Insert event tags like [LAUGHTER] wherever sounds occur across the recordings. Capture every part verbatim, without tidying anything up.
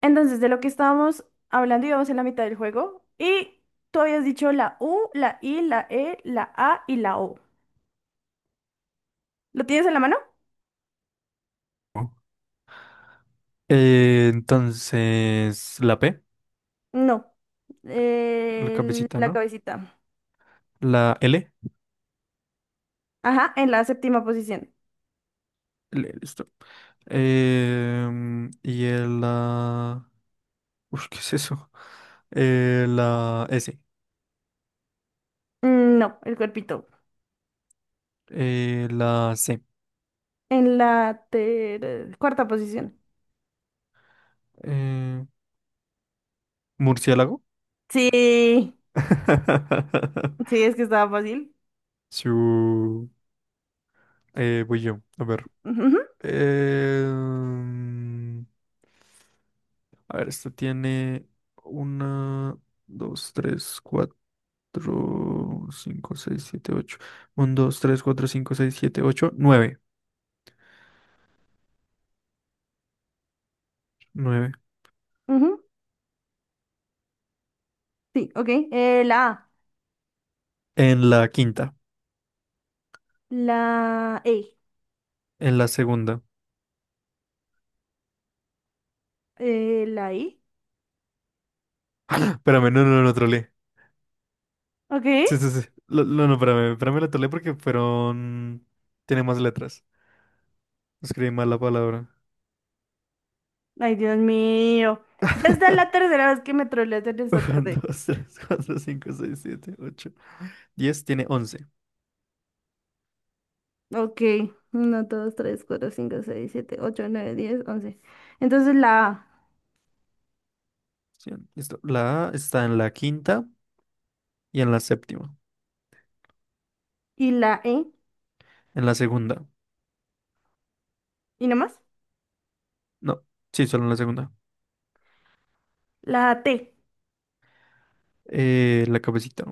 Entonces, de lo que estábamos hablando, íbamos en la mitad del juego y tú habías dicho la U, la I, la E, la A y la O. ¿Lo tienes en la mano? Eh, entonces, la P, No. la Eh, cabecita, la ¿no? cabecita. La L, Ajá, en la séptima posición. L, listo. Em, y el... la, ush, ¿qué es eso? Eh, la S, Mm, No, el cuerpito. eh, la C. En la ter- cuarta posición. eh, Murciélago. Sí, sí, [LAUGHS] es que estaba fácil. Su... eh, voy yo, a ver. Ujú, Em, a ver, esto tiene una, dos, tres, cuatro. Cuatro, cinco, seis, siete, ocho. Uno, dos, tres, cuatro, cinco, seis, siete, ocho, nueve nueve ujú, sí, ok. Eh, la A, En la quinta. la E, En la segunda. eh, la I. [LAUGHS] Espérame, no, no, no, trolé. Ok. Sí, sí, sí. Lo- No, no, espérame. Espérame, la trolé porque fueron... Tiene más letras. Escribí mal la palabra. Ay, Dios mío. Ya está la [LAUGHS] tercera vez que me troleas en esta Uno, tarde. dos, tres, cuatro, cinco, seis, siete, ocho, diez, tiene once. Ok. Uno, dos, tres, cuatro, cinco, seis, siete, ocho, nueve, diez, once. Entonces la A Cien. Listo. La A está en la quinta y en la séptima. y la E. En la segunda. ¿Y nada más? No, sí, solo en la segunda. La T. Eh, la cabecita.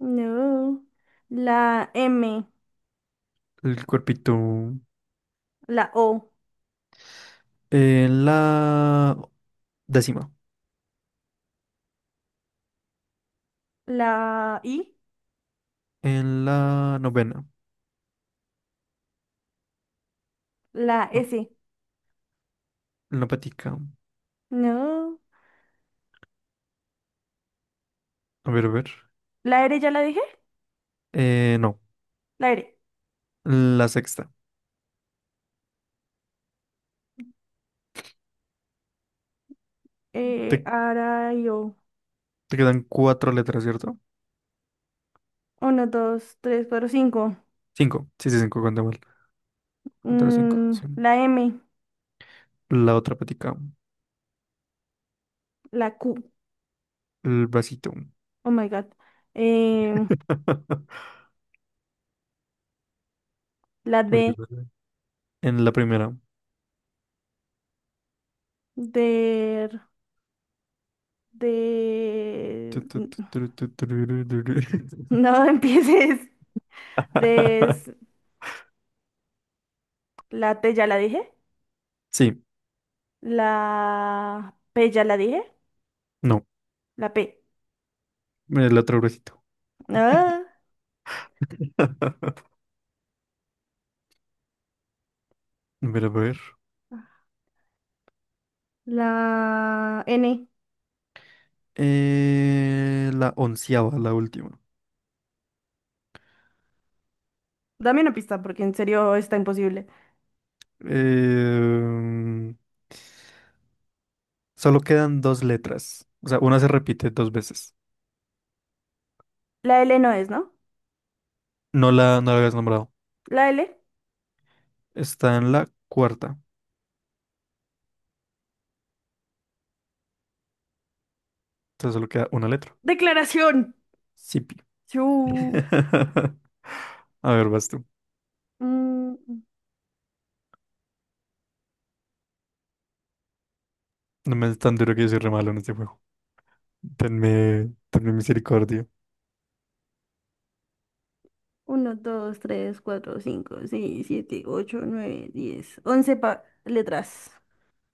No. La M. El cuerpito. La O. En la décima. La I. En la novena. La No, S. en la patica. No. A ver, a ver. ¿La R ya la dije? Eh, no. La R. La sexta. Eh, Te, ahora yo. te quedan cuatro letras, ¿cierto? Uno, dos, tres, cuatro, cinco. Cinco. Sí, sí, cinco, cuenta mal. Otras cinco, Mm, sí. La M. La otra patica. La Q. El vasito. Oh my God. Em, [LAUGHS] La Bueno, D bueno. En la primera. de... de... Tu, tu, tu, [LAUGHS] tu, tu, tu, ru, ru, ru, ru. No empieces. De... es- [LAUGHS] La T ya la dije. Sí, La P ya la dije. no. La P. El otro bracito. Ah, [LAUGHS] A ver, a ver. la N. Eh, la onceava, la última. Dame una pista porque en serio está imposible. Eh, Solo quedan dos letras. O sea, una se repite dos veces. La L no es, ¿no? No la, no la habías nombrado. La L. Está en la cuarta. Entonces solo queda una letra. Declaración. Sipi. Chu. [LAUGHS] A ver, vas tú. Mm, No me es tan duro que yo soy re malo en este juego. Tenme, tenme misericordia. Uno, dos, tres, cuatro, cinco, seis, siete, ocho, nueve, diez. Once letras.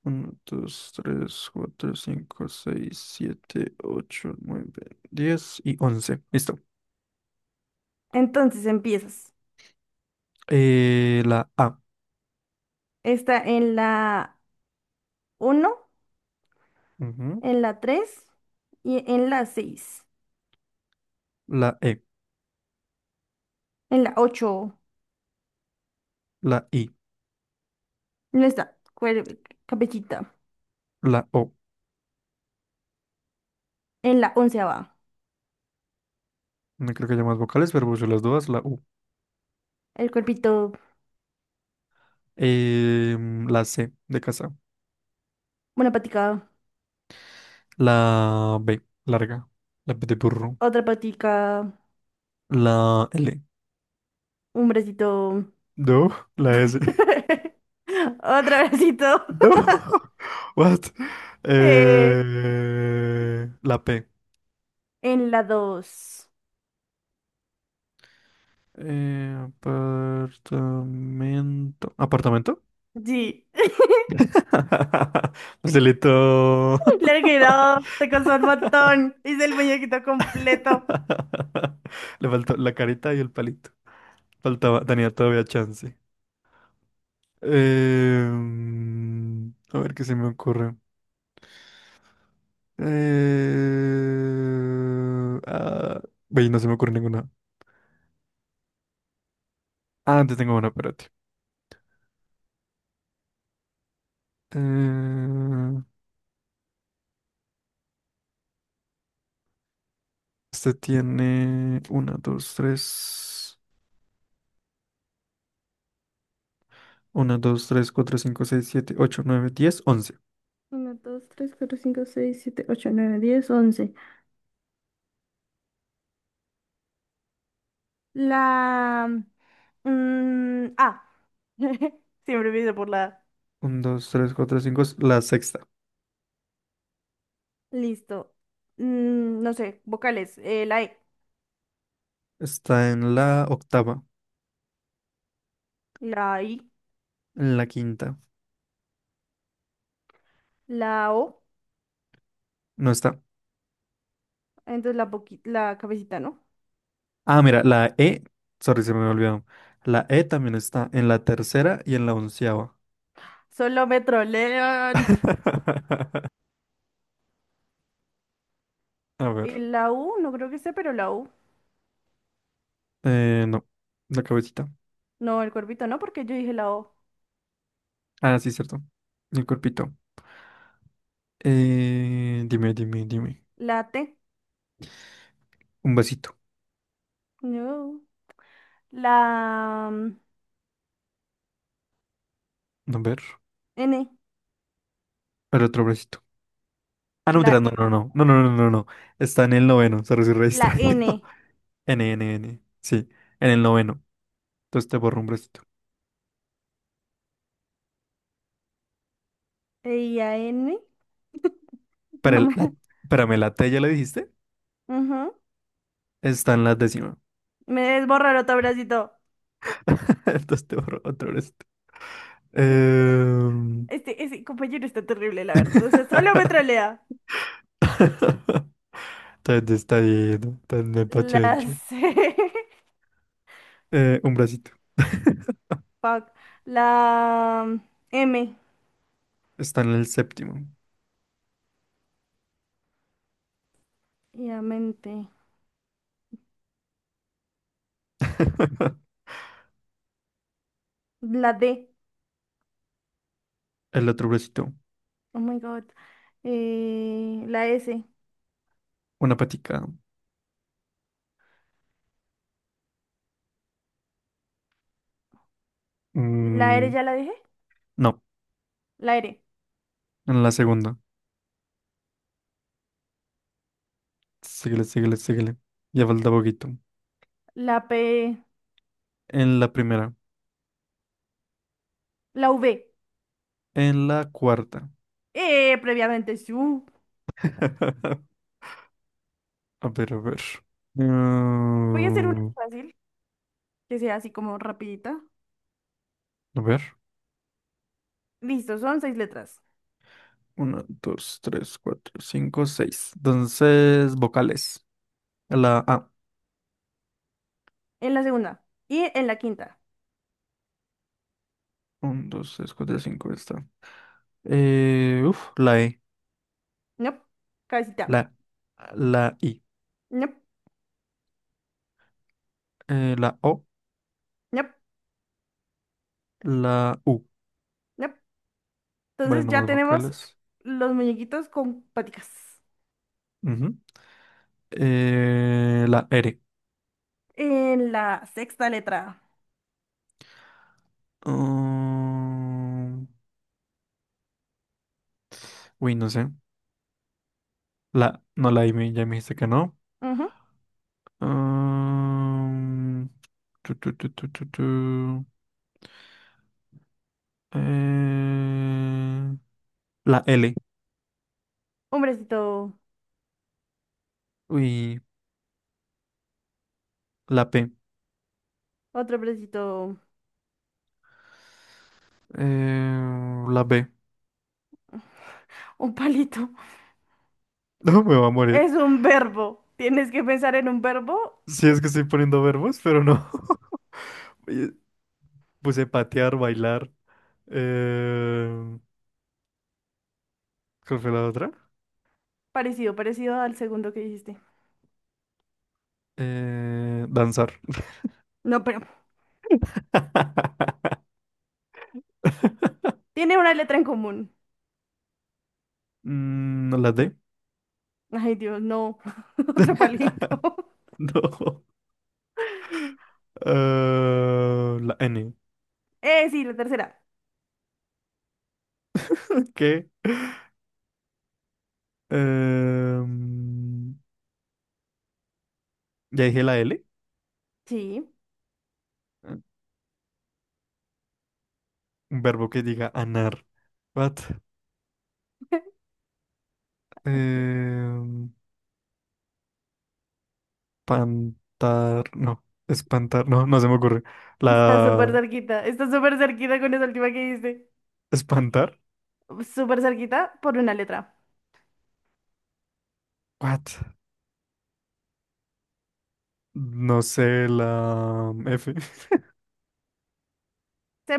Uno, dos, tres, cuatro, cinco, seis, siete, ocho, nueve, diez y once. Listo. Entonces empiezas. Eh, la A. Está en la uno, Ujú. en la tres y en la seis. La E. En la ocho La I. no está, cuer- cabecita. La O. En la onceava va. No creo que haya más vocales, pero puse las dos, la U. El cuerpito, Em, la C de casa. una patica, La B, larga. La B de burro. otra patica, La L. un bracito, No, la S. [LAUGHS] [LAUGHS] otro bracito. No. [LAUGHS] What? [LAUGHS] eh, Eh, la P. en la dos. Eh, apartamento. ¿Apartamento? Sí, [LAUGHS] Facilito. [LAUGHS] le he [LAUGHS] quedó, te costó un montón. Hice el muñequito completo. Le faltó la carita y el palito. Faltaba, tenía todavía chance. Em, a ver qué se me ocurre. Eh, ah, ve, no se me ocurre ninguna. Ah, antes tengo una, espérate. Eh, este tiene uno, dos, tres. uno, dos, tres, cuatro, cinco, seis, siete, ocho, nueve, diez, once. Uno, dos, tres, cuatro, cinco, seis, siete, ocho, nueve, diez, once. La Mm, ah, [LAUGHS] siempre empiezo por la A. uno, dos, tres, cuatro, cinco, la sexta. Listo. Mm, no sé, vocales. Eh, la E, Está en la octava. la I, En la quinta. la O. No está. Entonces la, boqui- la cabecita, ¿no? Ah, mira, la E. Sorry, se me había olvidado. La E también está en la tercera y en la onceava. Solo me trolean. [LAUGHS] A ver. Y la U, no creo que sea, pero la U. Eh, no. La cabecita. No, el cuerpito no, porque yo dije la O. Ah, sí, cierto. El cuerpito. Eh, dime, dime, dime. La T, Un vasito. no. La mm, A ver. N, El otro vasito. Ah, no, la, mentira, no, E- no, no. No, no, no, no, no. Está en el noveno. Se re la distraído. N. [LAUGHS] N, N, N. Sí, en el noveno. Entonces te borro un bracito. E, I, A, N. Para No el, me. la, [LAUGHS] espérame, la T ya le dijiste. Ujú. Está en la décima. Me desborra el otro bracito. [LAUGHS] Entonces te borro otro bracito. Em, Este, ese compañero está terrible, la verdad. O sea, solo me [LAUGHS] trolea. Tan distraído, tan despachado. La C. Eh, un bracito. [LAUGHS] Fuck. La M. Está en el séptimo. Obviamente. [LAUGHS] La D. El otro bracito. Oh my God. Eh, la S. Una patica. La R Mm, ya la dejé. no, La R. en la segunda. Síguele, síguele, síguele. Ya falta poquito. La P. En la primera. La V. En la cuarta. Eh, previamente su. [LAUGHS] A ver, a ver. Voy a hacer una Mm, fácil, que sea así como rapidita. a ver. Listo, son seis letras. Una, dos, tres, cuatro, cinco, seis. Entonces, vocales. La A. En la segunda. Y en la quinta. Un, dos, tres, cuatro, cinco. Está. Eh, uf, la E. Nope. Cabecita. La, la I. Nope. Eh, la O. Nope. La U. Nope. Vale, Entonces ya nomás tenemos vocales. los muñequitos con paticas. Ujú. Eh, la R. En la sexta letra. Mm, uy, no sé. La, no, la I me- ya me dijiste que no. Ujú. Mm, tu, tu, tu, tu, tu, tu. Eh, la L. Un bracito, Uy, la P. otro bracito, Eh, la B. [LAUGHS] un palito. [LAUGHS] No, me va a morir. Es un verbo. Tienes que pensar en un verbo Si es que estoy poniendo verbos, pero no. [LAUGHS] Oye, puse patear, bailar. Eh, ¿cuál fue la otra? parecido, parecido al segundo que dijiste. Eh, danzar. No, pero [LAUGHS] tiene una letra en común. Mm, no la D. Ay, Dios, no. [LAUGHS] Otro palito. [LAUGHS] No. Eh, la N. Eh, sí, la tercera. ¿Qué? Em, ya dije la L. Sí. Un verbo que diga anar. What? [LAUGHS] Em, Pantar. No. Espantar. No, no se me ocurre. Está súper La. cerquita. Está súper cerquita con esa última que dijiste. Espantar. Súper cerquita por una letra. What? No sé, la F. Se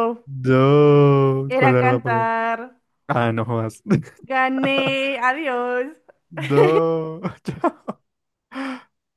[LAUGHS] Yo. Era ¿Cuál era la palabra? cantar. Ah, no jodas. [LAUGHS] Gané. Adiós. No. [LAUGHS] Chao.